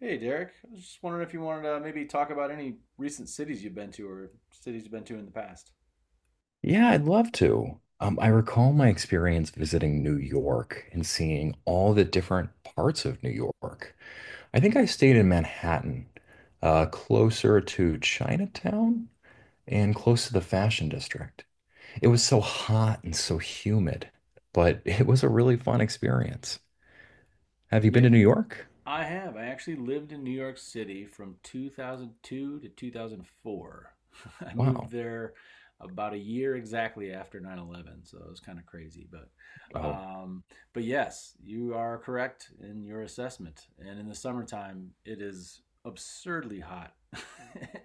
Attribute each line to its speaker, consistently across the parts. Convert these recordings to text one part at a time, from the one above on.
Speaker 1: Hey, Derek. I was just wondering if you wanted to maybe talk about any recent cities you've been to or cities you've been to in the past.
Speaker 2: Yeah, I'd love to. I recall my experience visiting New York and seeing all the different parts of New York. I think I stayed in Manhattan, closer to Chinatown and close to the Fashion District. It was so hot and so humid, but it was a really fun experience. Have you been
Speaker 1: Yeah,
Speaker 2: to New York?
Speaker 1: I have. I actually lived in New York City from 2002 to 2004. I moved
Speaker 2: Wow.
Speaker 1: there about a year exactly after 9/11, so it was kind of crazy,
Speaker 2: Oh,
Speaker 1: um, but yes, you are correct in your assessment. And in the summertime, it is absurdly hot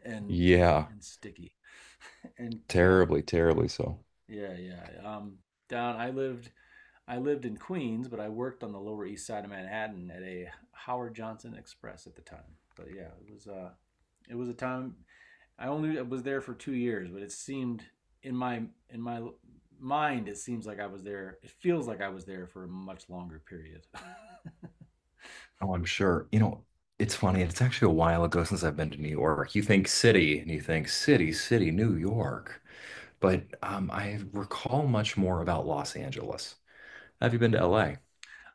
Speaker 1: and and,
Speaker 2: yeah,
Speaker 1: and sticky and can.
Speaker 2: terribly, terribly so.
Speaker 1: Yeah, yeah. Down. I lived. I lived in Queens, but I worked on the Lower East Side of Manhattan at a Howard Johnson Express at the time. But yeah, it was. It was a time. I only was there for 2 years, but it seemed in my in my mind, it seems like I was there. It feels like I was there for a much longer period.
Speaker 2: Oh, I'm sure. It's funny. It's actually a while ago since I've been to New York. You think city and you think city, city, New York. But I recall much more about Los Angeles. Have you been to LA?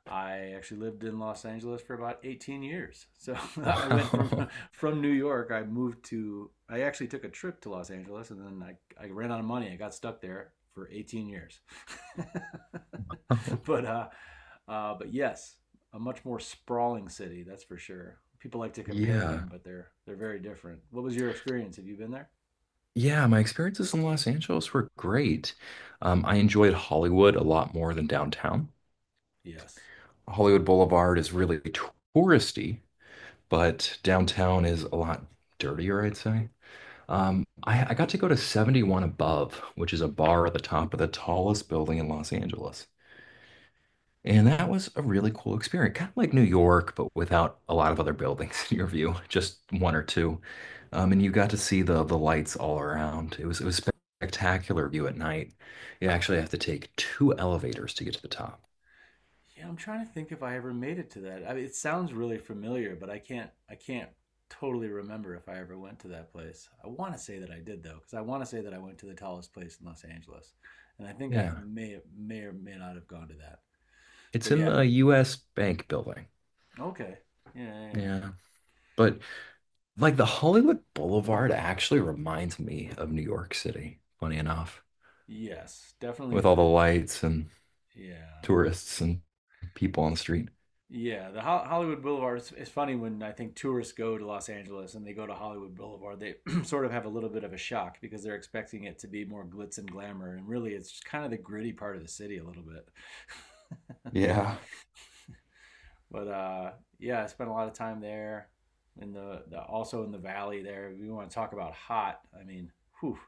Speaker 1: I actually lived in Los Angeles for about 18 years. So I went from
Speaker 2: Wow.
Speaker 1: from New York. I moved to. I actually took a trip to Los Angeles, and then I ran out of money. I got stuck there for 18 years. but uh, but yes, a much more sprawling city. That's for sure. People like to compare
Speaker 2: Yeah.
Speaker 1: them, but they're very different. What was your experience? Have you been there?
Speaker 2: Yeah, my experiences in Los Angeles were great. I enjoyed Hollywood a lot more than downtown.
Speaker 1: Yes.
Speaker 2: Hollywood Boulevard is really touristy, but downtown is a lot dirtier, I'd say. I got to go to 71 Above, which is a bar at the top of the tallest building in Los Angeles. And that was a really cool experience, kind of like New York, but without a lot of other buildings in your view, just one or two. And you got to see the lights all around. It was spectacular view at night. You actually have to take two elevators to get to the top.
Speaker 1: Yeah, I'm trying to think if I ever made it to that. I mean, it sounds really familiar, but I can't totally remember if I ever went to that place. I want to say that I did though, because I want to say that I went to the tallest place in Los Angeles, and I think I
Speaker 2: Yeah.
Speaker 1: may or may not have gone to that. But
Speaker 2: It's in
Speaker 1: yeah,
Speaker 2: the US Bank building.
Speaker 1: okay, yeah, yeah, yeah.
Speaker 2: Yeah. But like the Hollywood Boulevard actually reminds me of New York City, funny enough,
Speaker 1: Yes, definitely
Speaker 2: with all the
Speaker 1: the
Speaker 2: lights and
Speaker 1: yeah.
Speaker 2: tourists and people on the street.
Speaker 1: Yeah, the Hollywood Boulevard. It's funny when I think tourists go to Los Angeles and they go to Hollywood Boulevard, they sort of have a little bit of a shock because they're expecting it to be more glitz and glamour, and really, it's just kind of the gritty part of the city a little bit.
Speaker 2: Yeah.
Speaker 1: but yeah, I spent a lot of time there in the also in the valley there. We want to talk about hot. I mean, whew,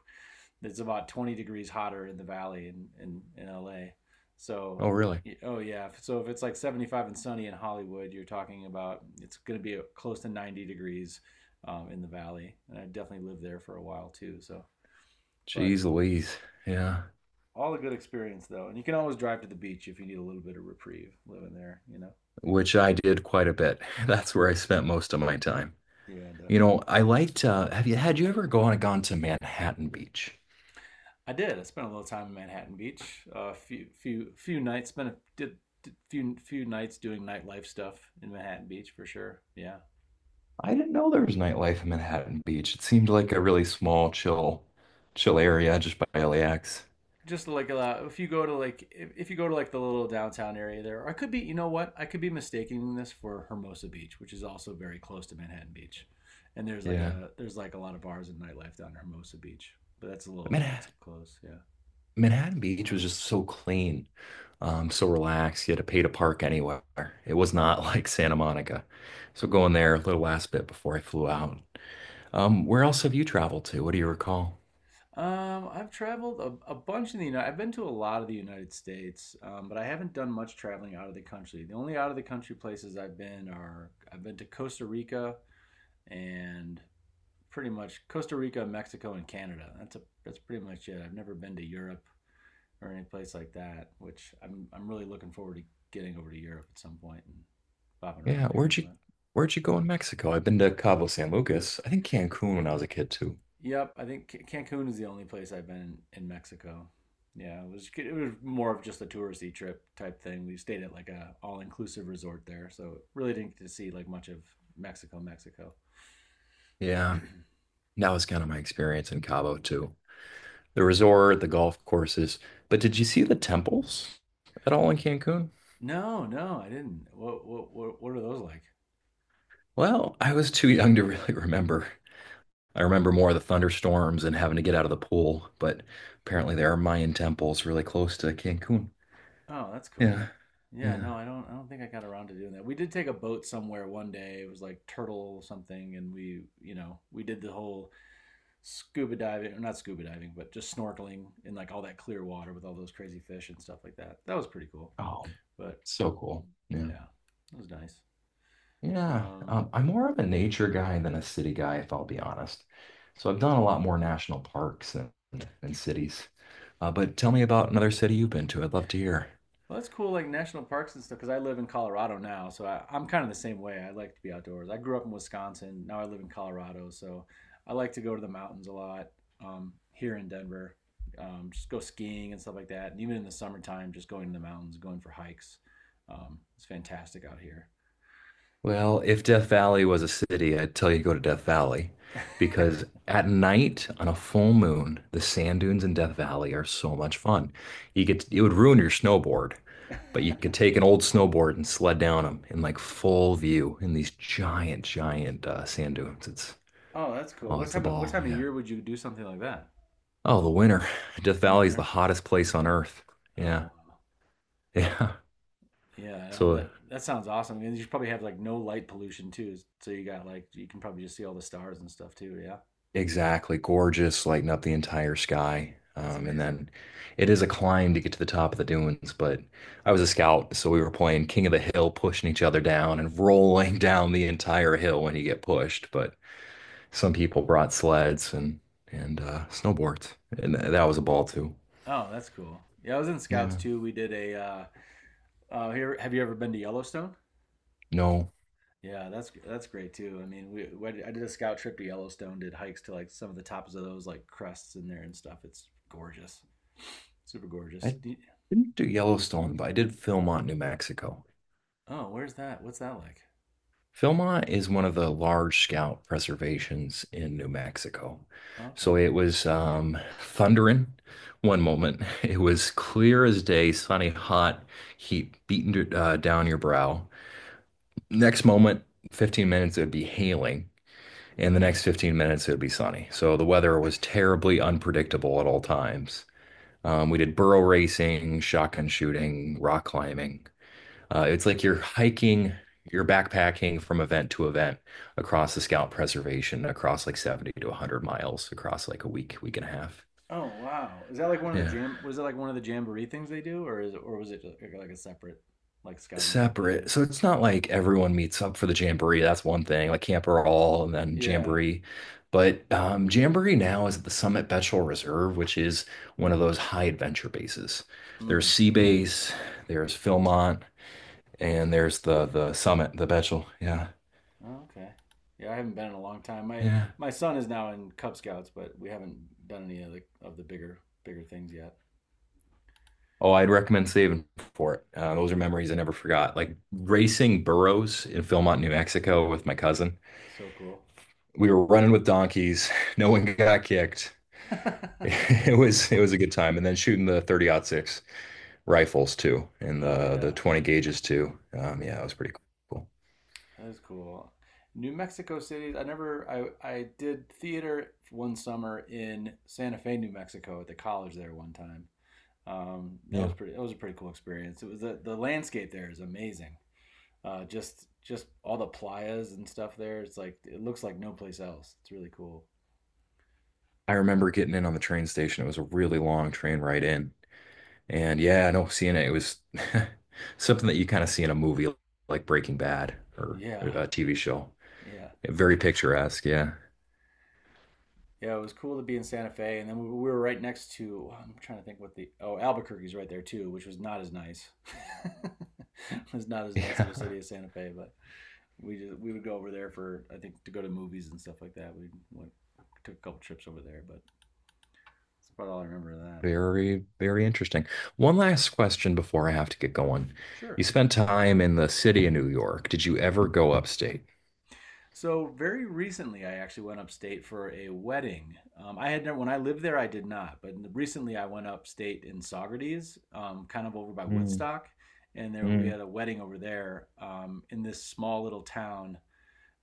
Speaker 1: it's about 20 degrees hotter in the valley in LA. So,
Speaker 2: Oh, really?
Speaker 1: oh yeah. So if it's like 75 and sunny in Hollywood, you're talking about it's going to be close to 90 degrees in the valley. And I definitely lived there for a while too. So, but
Speaker 2: Jeez Louise. Yeah.
Speaker 1: all a good experience though. And you can always drive to the beach if you need a little bit of reprieve living there, you know?
Speaker 2: Which I did quite a bit. That's where I spent most of my time.
Speaker 1: Yeah,
Speaker 2: You know,
Speaker 1: definitely.
Speaker 2: I liked, have you had you ever gone to Manhattan Beach?
Speaker 1: I did. I spent a little time in Manhattan Beach. A few nights. Spent a did few nights doing nightlife stuff in Manhattan Beach for sure. Yeah.
Speaker 2: I didn't know there was nightlife in Manhattan Beach. It seemed like a really small, chill area just by LAX.
Speaker 1: Just like a. if you go to like if you go to like the little downtown area there, or I could be you know what I could be mistaking this for Hermosa Beach, which is also very close to Manhattan Beach, and there's like
Speaker 2: Yeah.
Speaker 1: a there's like a lot of bars and nightlife down in Hermosa Beach, but that's a little
Speaker 2: Man,
Speaker 1: it's close, yeah.
Speaker 2: Manhattan Beach was just so clean, so relaxed. You had to pay to park anywhere. It was not like Santa Monica. So going there a little last bit before I flew out. Where else have you traveled to? What do you recall?
Speaker 1: I've traveled a bunch in the United. I've been to a lot of the United States, but I haven't done much traveling out of the country. The only out of the country places I've been are I've been to Costa Rica and pretty much Costa Rica, Mexico, and Canada. That's a that's pretty much it. I've never been to Europe or any place like that, which I'm really looking forward to getting over to Europe at some point and bopping
Speaker 2: Yeah,
Speaker 1: around there.
Speaker 2: where'd you
Speaker 1: But.
Speaker 2: where'd you go in Mexico? I've been to Cabo San Lucas. I think Cancun when I was a kid too.
Speaker 1: Yep, I think Cancun is the only place I've been in Mexico. Yeah, it was more of just a touristy trip type thing. We stayed at like a all inclusive resort there, so really didn't get to see like much of Mexico, Mexico.
Speaker 2: Yeah, that was kind of my experience in Cabo too. The resort, the golf courses. But did you see the temples at all in Cancun?
Speaker 1: No, no, I didn't. What are those like?
Speaker 2: Well, I was too young to really remember. I remember more of the thunderstorms and having to get out of the pool, but apparently there are Mayan temples really close to Cancun.
Speaker 1: Oh, that's cool.
Speaker 2: Yeah.
Speaker 1: Yeah,
Speaker 2: Yeah.
Speaker 1: no, I don't think I got around to doing that. We did take a boat somewhere one day. It was like turtle something and we, you know, we did the whole scuba diving, or not scuba diving, but just snorkeling in like all that clear water with all those crazy fish and stuff like that. That was pretty cool.
Speaker 2: Oh,
Speaker 1: But
Speaker 2: so cool. Yeah.
Speaker 1: yeah, it was nice.
Speaker 2: Yeah.
Speaker 1: Um,
Speaker 2: I'm more of a nature guy than a city guy, if I'll be honest. So I've done a lot more national parks and, cities. But tell me about another city you've been to. I'd love to hear.
Speaker 1: well, that's cool, like national parks and stuff, because I live in Colorado now. So I'm kind of the same way. I like to be outdoors. I grew up in Wisconsin. Now I live in Colorado. So I like to go to the mountains a lot here in Denver. Just go skiing and stuff like that. And even in the summertime, just going to the mountains, going for hikes. It's fantastic out
Speaker 2: Well, if Death Valley was a city, I'd tell you to go to Death Valley
Speaker 1: here.
Speaker 2: because at night on a full moon, the sand dunes in Death Valley are so much fun. You could It would ruin your snowboard, but you could take an old snowboard and sled down them in like full view in these giant, giant sand dunes. It's
Speaker 1: Oh, that's cool.
Speaker 2: Oh,
Speaker 1: What
Speaker 2: it's a
Speaker 1: time? What
Speaker 2: ball,
Speaker 1: time of
Speaker 2: yeah.
Speaker 1: year would you do something like that
Speaker 2: Oh, the winter. Death
Speaker 1: in the
Speaker 2: Valley is the
Speaker 1: winter?
Speaker 2: hottest place on earth. Yeah,
Speaker 1: Oh, wow.
Speaker 2: yeah.
Speaker 1: Yeah.
Speaker 2: So
Speaker 1: That that sounds awesome. And you should probably have like no light pollution too, so you got like you can probably just see all the stars and stuff too. Yeah,
Speaker 2: Exactly. Gorgeous, lighting up the entire sky.
Speaker 1: that's
Speaker 2: And
Speaker 1: amazing.
Speaker 2: then it is a climb to get to the top of the dunes, but I was a scout, so we were playing King of the Hill, pushing each other down and rolling down the entire hill when you get pushed. But some people brought sleds and snowboards, and that was a ball too.
Speaker 1: Oh, that's cool. Yeah, I was in Scouts
Speaker 2: Yeah.
Speaker 1: too. We did a. Here, have you ever been to Yellowstone?
Speaker 2: No,
Speaker 1: Yeah, that's great too. I mean, we I did a scout trip to Yellowstone. Did hikes to like some of the tops of those like crests in there and stuff. It's gorgeous, super gorgeous.
Speaker 2: I
Speaker 1: Do you-
Speaker 2: didn't do Yellowstone, but I did film on New Mexico.
Speaker 1: oh, where's that? What's that like?
Speaker 2: Philmont is one of the large scout preservations in New Mexico.
Speaker 1: Oh, okay.
Speaker 2: So it was thundering one moment. It was clear as day, sunny, hot, heat beating down your brow. Next moment, 15 minutes, it would be hailing. And the next 15 minutes, it would be sunny. So the weather was terribly unpredictable at all times. We did burro racing, shotgun shooting, rock climbing. It's like you're hiking, you're backpacking from event to event across the Scout Preservation, across like 70 to 100 miles, across like a week, week and a half.
Speaker 1: Oh wow! Is that like one of the
Speaker 2: Yeah.
Speaker 1: jam? Was it like one of the jamboree things they do, or is it, or was it like a separate like scouting trip that you
Speaker 2: Separate.
Speaker 1: did?
Speaker 2: So it's not like everyone meets up for the Jamboree. That's one thing, like Camper All and then
Speaker 1: Yeah.
Speaker 2: Jamboree. But Jamboree now is at the Summit Betchel Reserve, which is one of those high adventure bases. There's
Speaker 1: Hmm.
Speaker 2: Sea Base, there's Philmont, and there's the Summit, the Betchel. Yeah.
Speaker 1: Oh, okay. Yeah, I haven't been in a long time. My
Speaker 2: Yeah.
Speaker 1: my son is now in Cub Scouts, but we haven't done any of the bigger things yet.
Speaker 2: Oh, I'd recommend saving for it. Those are memories I never forgot. Like racing burros in Philmont, New Mexico with my cousin.
Speaker 1: So cool.
Speaker 2: We were running with donkeys. No one got kicked. It was a good time. And then shooting the 30-06 rifles too, and
Speaker 1: oh
Speaker 2: the
Speaker 1: yeah,
Speaker 2: 20 gauges too. Yeah, it was pretty cool.
Speaker 1: that is cool. New Mexico City. I never. I did theater one summer in Santa Fe, New Mexico, at the college there one time that was
Speaker 2: Yeah.
Speaker 1: pretty. That was a pretty cool experience. It was the landscape there is amazing. Just all the playas and stuff there. It's like it looks like no place else. It's really cool.
Speaker 2: I remember getting in on the train station. It was a really long train ride in. And yeah, no, seeing it, it was something that you kind of see in a movie like Breaking Bad or
Speaker 1: Yeah,
Speaker 2: a TV show.
Speaker 1: yeah,
Speaker 2: Very picturesque, yeah.
Speaker 1: yeah. It was cool to be in Santa Fe, and then we were right next to. I'm trying to think what the oh Albuquerque's right there too, which was not as nice. it was not as nice of a
Speaker 2: Yeah.
Speaker 1: city as Santa Fe, but we just, we would go over there for I think to go to movies and stuff like that. We went, took a couple trips over there, but that's about all I remember of that.
Speaker 2: Very, very interesting. One last question before I have to get going.
Speaker 1: Sure.
Speaker 2: You spent time in the city of New York. Did you ever go upstate?
Speaker 1: So very recently, I actually went upstate for a wedding. I had never, when I lived there, I did not, but recently I went upstate in Saugerties, kind of over by
Speaker 2: Mm,
Speaker 1: Woodstock, and there we
Speaker 2: mm.
Speaker 1: had a wedding over there in this small little town.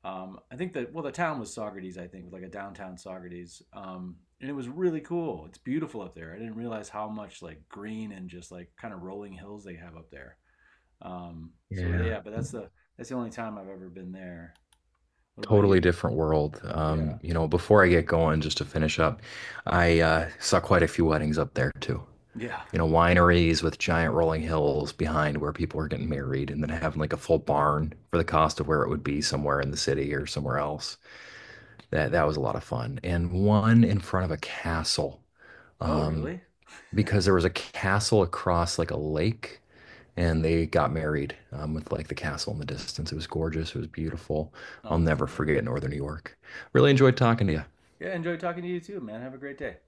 Speaker 1: I think that well, the town was Saugerties, I think, it was like a downtown Saugerties, and it was really cool. It's beautiful up there. I didn't realize how much like green and just like kind of rolling hills they have up there. So
Speaker 2: Yeah,
Speaker 1: yeah, but that's the only time I've ever been there. What about
Speaker 2: totally
Speaker 1: you?
Speaker 2: different world.
Speaker 1: Yeah.
Speaker 2: Before I get going, just to finish up, I saw quite a few weddings up there too.
Speaker 1: Yeah.
Speaker 2: Wineries with giant rolling hills behind where people are getting married and then having like a full barn for the cost of where it would be somewhere in the city or somewhere else. That was
Speaker 1: Yeah.
Speaker 2: a lot of fun. And one in front of a castle.
Speaker 1: Oh,
Speaker 2: Um,
Speaker 1: really?
Speaker 2: because there was a castle across like a lake and they got married with like the castle in the distance. It was gorgeous. It was beautiful. I'll
Speaker 1: Oh, that's
Speaker 2: never
Speaker 1: cool.
Speaker 2: forget Northern New York. Really enjoyed talking to you.
Speaker 1: Yeah, enjoy talking to you too, man. Have a great day.